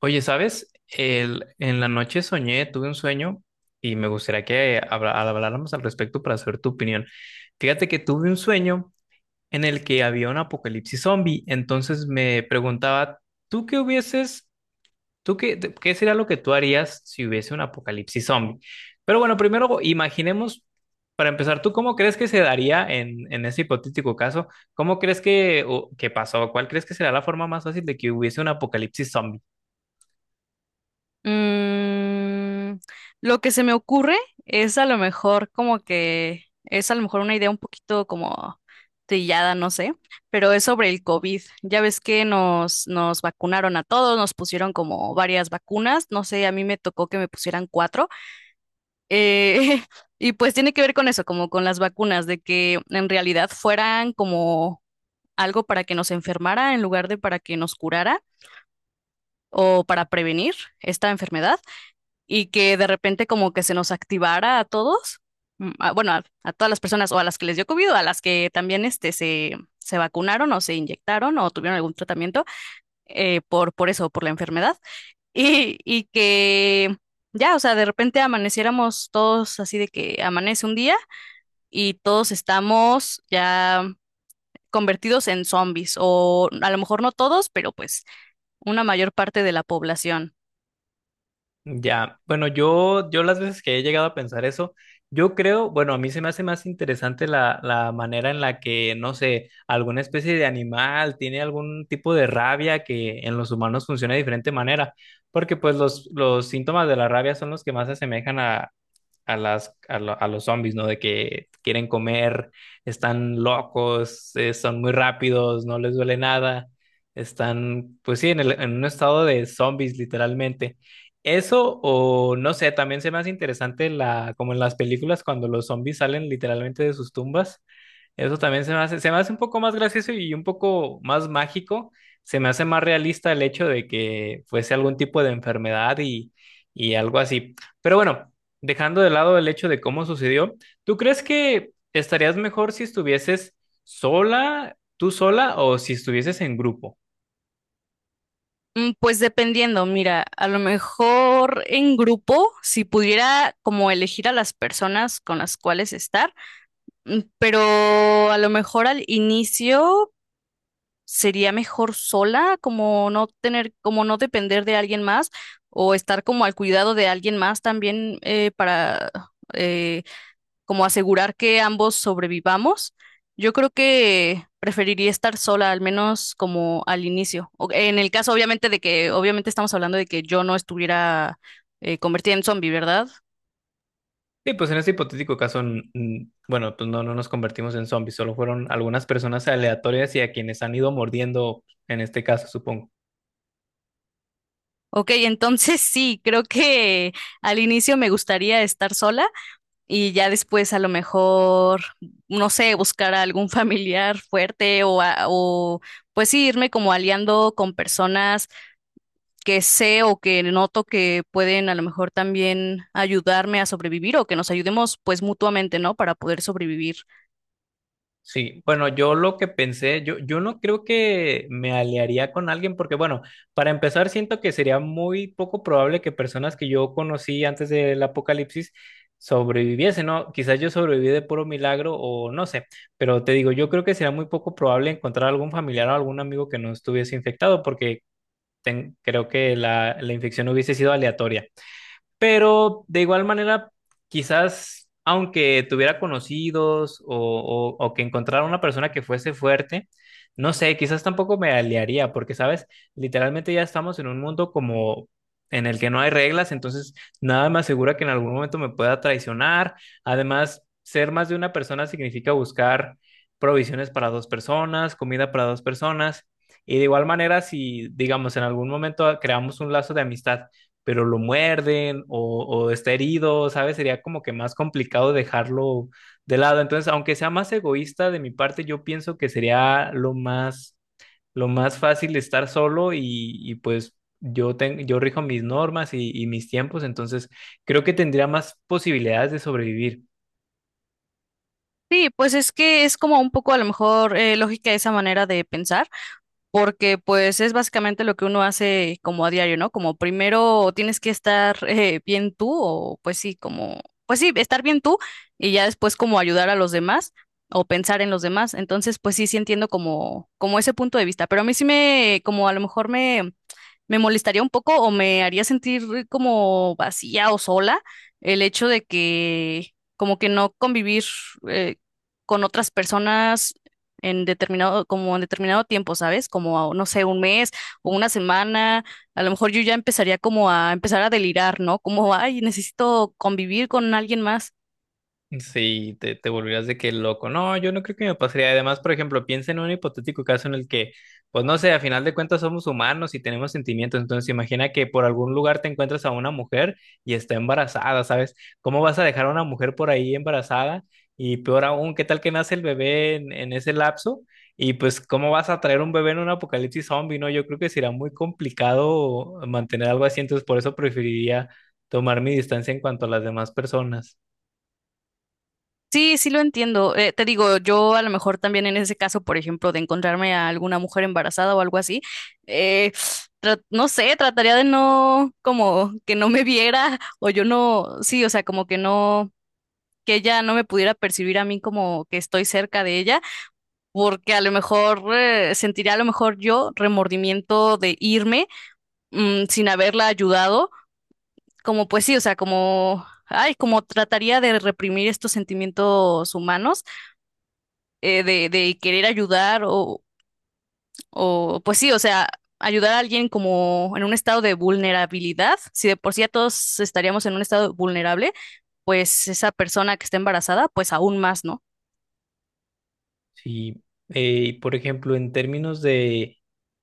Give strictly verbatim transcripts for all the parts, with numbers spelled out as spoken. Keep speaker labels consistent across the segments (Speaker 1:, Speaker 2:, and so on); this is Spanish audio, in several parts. Speaker 1: Oye, ¿sabes? El, en la noche soñé, tuve un sueño y me gustaría que habla- habláramos al respecto para saber tu opinión. Fíjate que tuve un sueño en el que había un apocalipsis zombie. Entonces me preguntaba, ¿tú qué hubieses, ¿tú qué, te- qué sería lo que tú harías si hubiese un apocalipsis zombie? Pero bueno, primero imaginemos, para empezar, ¿tú cómo crees que se daría en, en ese hipotético caso? ¿Cómo crees que, o- que pasó? ¿Cuál crees que será la forma más fácil de que hubiese un apocalipsis zombie?
Speaker 2: Mm, lo que se me ocurre es, a lo mejor, como que es, a lo mejor, una idea un poquito como trillada, no sé, pero es sobre el cóvid. Ya ves que nos, nos vacunaron a todos, nos pusieron como varias vacunas, no sé, a mí me tocó que me pusieran cuatro. eh, y pues tiene que ver con eso, como con las vacunas, de que en realidad fueran como algo para que nos enfermara en lugar de para que nos curara o para prevenir esta enfermedad, y que de repente como que se nos activara a todos, mm, a- bueno, a, a todas las personas, o a las que les dio cóvid, o a las que también este, se, se vacunaron o se inyectaron o tuvieron algún tratamiento eh, por, por eso, por la enfermedad. Y, y que ya, o sea, de repente amaneciéramos todos así, de que amanece un día y todos estamos ya convertidos en zombies, o a lo mejor no todos, pero pues una mayor parte de la población.
Speaker 1: Ya, bueno, yo, yo las veces que he llegado a pensar eso, yo creo, bueno, a mí se me hace más interesante la, la manera en la que, no sé, alguna especie de animal tiene algún tipo de rabia que en los humanos funciona de diferente manera, porque pues los, los síntomas de la rabia son los que más se asemejan a, a las, a, lo- a los zombies, ¿no? De que quieren comer, están locos, eh, son muy rápidos, no les duele nada, están, pues sí, en el- en un estado de zombies, literalmente. Eso o no sé, también se me hace interesante la, como en las películas cuando los zombies salen literalmente de sus tumbas. Eso también se me hace, se me hace un poco más gracioso y un poco más mágico. Se me hace más realista el hecho de que fuese algún tipo de enfermedad y, y algo así. Pero bueno, dejando de lado el hecho de cómo sucedió, ¿tú crees que estarías mejor si estuvieses sola, tú sola, o si estuvieses en grupo?
Speaker 2: Mm, pues dependiendo, mira, a lo mejor en grupo, si pudiera como elegir a las personas con las cuales estar, mm, pero a lo mejor al inicio sería mejor sola, como no tener, como no depender de alguien más o estar como al cuidado de alguien más también, eh, para eh, como asegurar que ambos sobrevivamos, yo creo que preferiría estar sola, al menos como al inicio. O- En el caso, obviamente, de que, obviamente estamos hablando de que yo no estuviera, eh, convertida en zombie, ¿verdad?
Speaker 1: Sí, pues en este hipotético caso, n- n- bueno, pues no, no nos convertimos en zombies, solo fueron algunas personas aleatorias y a quienes han ido mordiendo, en este caso, supongo.
Speaker 2: Ok, entonces sí, creo que al inicio me gustaría estar sola y ya después, a lo mejor, no sé, buscar a algún familiar fuerte o, a- o pues sí, irme como aliando con personas que sé o que noto que pueden, a lo mejor, también ayudarme a sobrevivir, o que nos ayudemos pues mutuamente, ¿no? Para poder sobrevivir.
Speaker 1: Sí, bueno, yo lo que pensé, yo, yo no creo que me aliaría con alguien porque, bueno, para empezar, siento que sería muy poco probable que personas que yo conocí antes del apocalipsis sobreviviesen, ¿no? Quizás yo sobreviví de puro milagro o no sé, pero te digo, yo creo que sería muy poco probable encontrar algún familiar o algún amigo que no estuviese infectado porque ten- creo que la, la infección hubiese sido aleatoria. Pero de igual manera, quizás aunque tuviera conocidos o, o- o- que encontrara una persona que fuese fuerte, no sé, quizás tampoco me aliaría, porque, ¿sabes? Literalmente ya estamos en un mundo como en el que no hay reglas, entonces nada me asegura que en algún momento me pueda traicionar. Además, ser más de una persona significa buscar provisiones para dos personas, comida para dos personas. Y de igual manera, si, digamos, en algún momento creamos un lazo de amistad pero lo muerden o, o está herido, ¿sabes? Sería como que más complicado dejarlo de lado. Entonces, aunque sea más egoísta de mi parte, yo pienso que sería lo más, lo más fácil estar solo y, y pues yo, ten- yo rijo mis normas y, y mis tiempos, entonces creo que tendría más posibilidades de sobrevivir.
Speaker 2: Sí, pues es que es como un poco, a lo mejor, eh, lógica esa manera de pensar, porque pues es básicamente lo que uno hace como a diario, ¿no? Como primero tienes que estar, eh, bien tú, o pues sí, como, pues sí, estar bien tú y ya después como ayudar a los demás o pensar en los demás. Entonces, pues sí, sí entiendo como, como ese punto de vista, pero a mí sí me, como a lo mejor me me molestaría un poco o me haría sentir como vacía o sola, el hecho de que como que no convivir eh, con otras personas en determinado, como en determinado tiempo, ¿sabes? Como, no sé, un mes o una semana, a lo mejor yo ya empezaría como a empezar a delirar, ¿no? Como, ay, necesito convivir con alguien más.
Speaker 1: Sí, te, te volverías de que loco. No, yo no creo que me pasaría. Además, por ejemplo, piensa en un hipotético caso en el que, pues no sé, a final de cuentas somos humanos y tenemos sentimientos. Entonces, imagina que por algún lugar te encuentras a una mujer y está embarazada, ¿sabes? ¿Cómo vas a dejar a una mujer por ahí embarazada? Y peor aún, ¿qué tal que nace el bebé en, en ese lapso? Y pues, ¿cómo vas a traer un bebé en un apocalipsis zombie? No, yo creo que será muy complicado mantener algo así. Entonces, por eso preferiría tomar mi distancia en cuanto a las demás personas.
Speaker 2: Sí, sí lo entiendo. Eh, te digo, yo a lo mejor también en ese caso, por ejemplo, de encontrarme a alguna mujer embarazada o algo así, eh, tra- no sé, trataría de no, como que no me viera o yo no, sí, o sea, como que no, que ella no me pudiera percibir a mí como que estoy cerca de ella, porque a lo mejor eh, sentiría a lo mejor yo remordimiento de irme, mm, sin haberla ayudado, como pues sí, o sea, como, ay, como trataría de reprimir estos sentimientos humanos eh, de, de querer ayudar o, o, pues sí, o sea, ayudar a alguien como en un estado de vulnerabilidad, si de por sí ya todos estaríamos en un estado vulnerable, pues esa persona que está embarazada, pues aún más, ¿no?
Speaker 1: Sí, eh, por ejemplo, en términos de,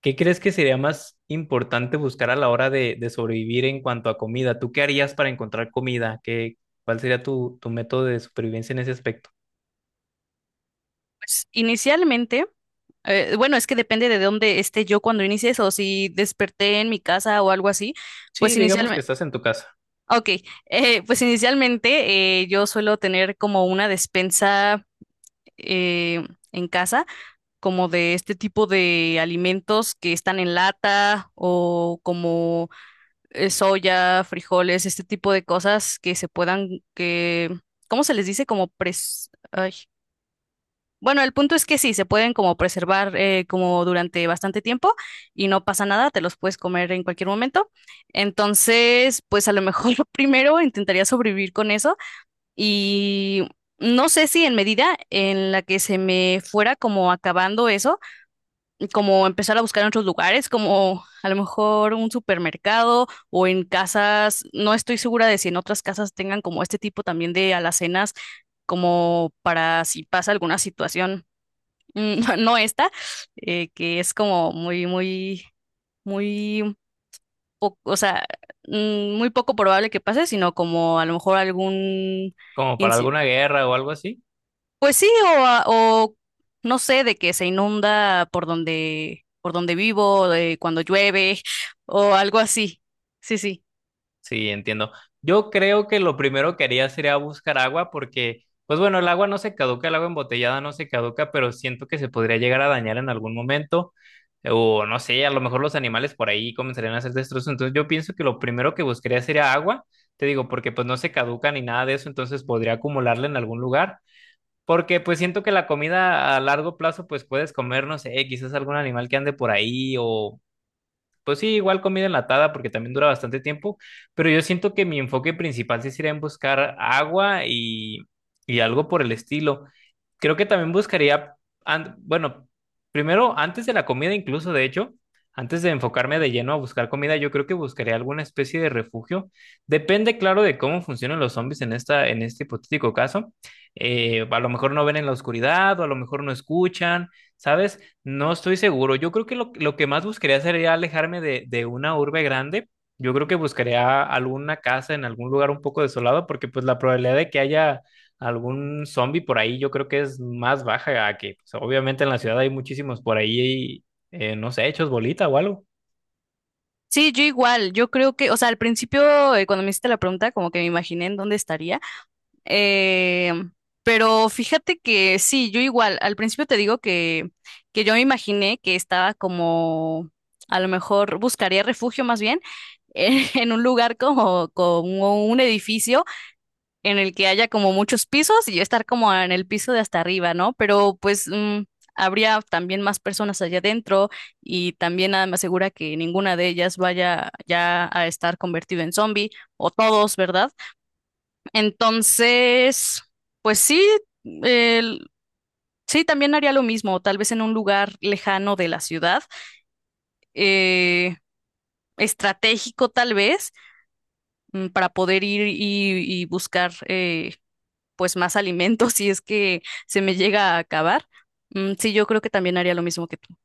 Speaker 1: ¿qué crees que sería más importante buscar a la hora de, de sobrevivir en cuanto a comida? ¿Tú qué harías para encontrar comida? ¿Qué, ¿cuál sería tu, tu método de supervivencia en ese aspecto?
Speaker 2: Pues inicialmente, eh, bueno, es que depende de dónde esté yo cuando inicie eso, si desperté en mi casa o algo así,
Speaker 1: Sí,
Speaker 2: pues
Speaker 1: digamos que
Speaker 2: inicialmente,
Speaker 1: estás en tu casa,
Speaker 2: ok, eh, pues inicialmente eh, yo suelo tener como una despensa eh, en casa, como de este tipo de alimentos que están en lata, o como eh, soya, frijoles, este tipo de cosas que se puedan, que, ¿cómo se les dice? Como pres... ay. Bueno, el punto es que sí, se pueden como preservar eh, como durante bastante tiempo y no pasa nada, te los puedes comer en cualquier momento. Entonces, pues a lo mejor primero intentaría sobrevivir con eso. Y no sé si en medida en la que se me fuera como acabando eso, como empezar a buscar en otros lugares, como a lo mejor un supermercado o en casas. No estoy segura de si en otras casas tengan como este tipo también de alacenas, como para si pasa alguna situación, mm, no esta, eh, que es como muy, muy, muy poco, o sea, mm, muy poco probable que pase, sino como a lo mejor algún
Speaker 1: como para alguna guerra o algo así.
Speaker 2: Pues sí, o, a- o no sé, de que se inunda por donde, por donde vivo, de cuando llueve, o algo así. Sí, sí.
Speaker 1: Sí, entiendo. Yo creo que lo primero que haría sería buscar agua porque, pues bueno, el agua no se caduca, el agua embotellada no se caduca, pero siento que se podría llegar a dañar en algún momento. O no sé, a lo mejor los animales por ahí comenzarían a hacer destrozos. Entonces yo pienso que lo primero que buscaría sería agua, te digo, porque pues no se caduca ni nada de eso, entonces podría acumularla en algún lugar. Porque pues siento que la comida a largo plazo pues puedes comer, no sé, quizás algún animal que ande por ahí o pues sí, igual comida enlatada porque también dura bastante tiempo, pero yo siento que mi enfoque principal sí sería en buscar agua y, y algo por el estilo. Creo que también buscaría, an- bueno, primero antes de la comida incluso, de hecho, antes de enfocarme de lleno a buscar comida, yo creo que buscaría alguna especie de refugio. Depende, claro, de cómo funcionan los zombies en esta, en este hipotético caso. Eh, a lo mejor no ven en la oscuridad o a lo mejor no escuchan. ¿Sabes? No estoy seguro. Yo creo que lo, lo que más buscaría sería alejarme de, de una urbe grande. Yo creo que buscaría alguna casa en algún lugar un poco desolado, porque pues la probabilidad de que haya algún zombie por ahí, yo creo que es más baja a que, pues, obviamente en la ciudad hay muchísimos por ahí, eh, no sé, hechos bolita o algo.
Speaker 2: Sí, yo igual, yo creo que, o sea, al principio, eh, cuando me hiciste la pregunta, como que me imaginé en dónde estaría. Eh, pero fíjate que sí, yo igual, al principio te digo que, que yo me imaginé que estaba como, a lo mejor buscaría refugio más bien, en un lugar como, como un edificio en el que haya como muchos pisos y yo estar como en el piso de hasta arriba, ¿no? Pero pues mm, habría también más personas allá adentro, y también nada me asegura que ninguna de ellas vaya ya a estar convertida en zombie, o todos, ¿verdad? Entonces, pues sí, el- sí, también haría lo mismo, tal vez en un lugar lejano de la ciudad. eh, Estratégico tal vez, mm, para poder ir y, y buscar, eh, pues más alimento si es que se me llega a acabar. Mm, sí, yo creo que también haría lo mismo que tú.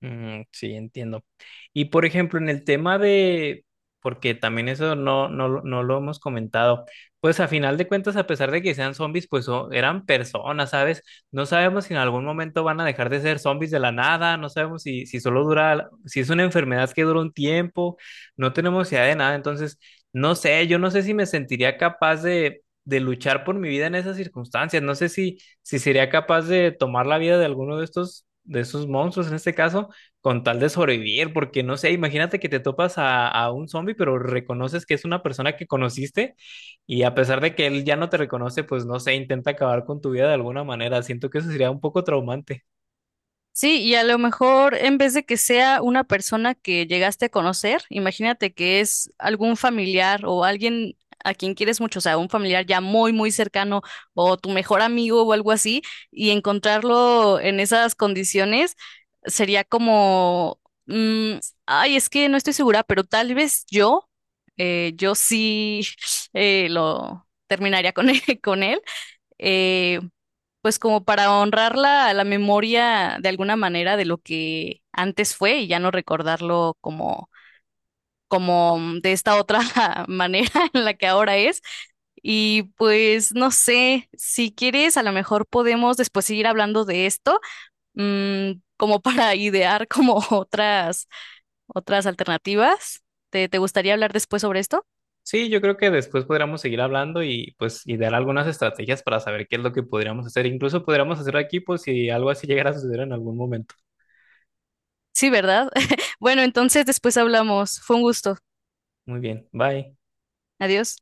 Speaker 1: Mm, sí, entiendo. Y por ejemplo, en el tema de, porque también eso no, no, lo- no lo hemos comentado, pues a final de cuentas, a pesar de que sean zombies, pues so- eran personas, ¿sabes? No sabemos si en algún momento van a dejar de ser zombies de la nada, no sabemos si, si solo dura, si es una enfermedad que dura un tiempo, no tenemos idea de nada, entonces, no sé, yo no sé si me sentiría capaz de, de luchar por mi vida en esas circunstancias, no sé si, si sería capaz de tomar la vida de alguno de estos, de esos monstruos en este caso con tal de sobrevivir, porque no sé, imagínate que te topas a, a un zombie, pero reconoces que es una persona que conociste y a pesar de que él ya no te reconoce, pues no sé, intenta acabar con tu vida de alguna manera. Siento que eso sería un poco traumante.
Speaker 2: Sí, y a lo mejor en vez de que sea una persona que llegaste a conocer, imagínate que es algún familiar o alguien a quien quieres mucho, o sea, un familiar ya muy, muy cercano, o tu mejor amigo o algo así, y encontrarlo en esas condiciones sería como, mm, ay, es que no estoy segura, pero tal vez yo, eh, yo sí eh, lo terminaría con él, con él. eh, pues como para honrar la, la memoria de alguna manera de lo que antes fue, y ya no recordarlo como, como mm, de esta otra manera en la que ahora es. Y pues no sé, si quieres, a lo mejor podemos después seguir hablando de esto, mm, como para idear como otras, otras alternativas. ¿Te, te gustaría hablar después sobre esto?
Speaker 1: Sí, yo creo que después podríamos seguir hablando y pues y dar algunas estrategias para saber qué es lo que podríamos hacer. Incluso podríamos hacer equipos si algo así llegara a suceder en algún momento.
Speaker 2: Sí, ¿verdad? Bueno, entonces después hablamos. Fue un gusto.
Speaker 1: Muy bien, bye.
Speaker 2: Adiós.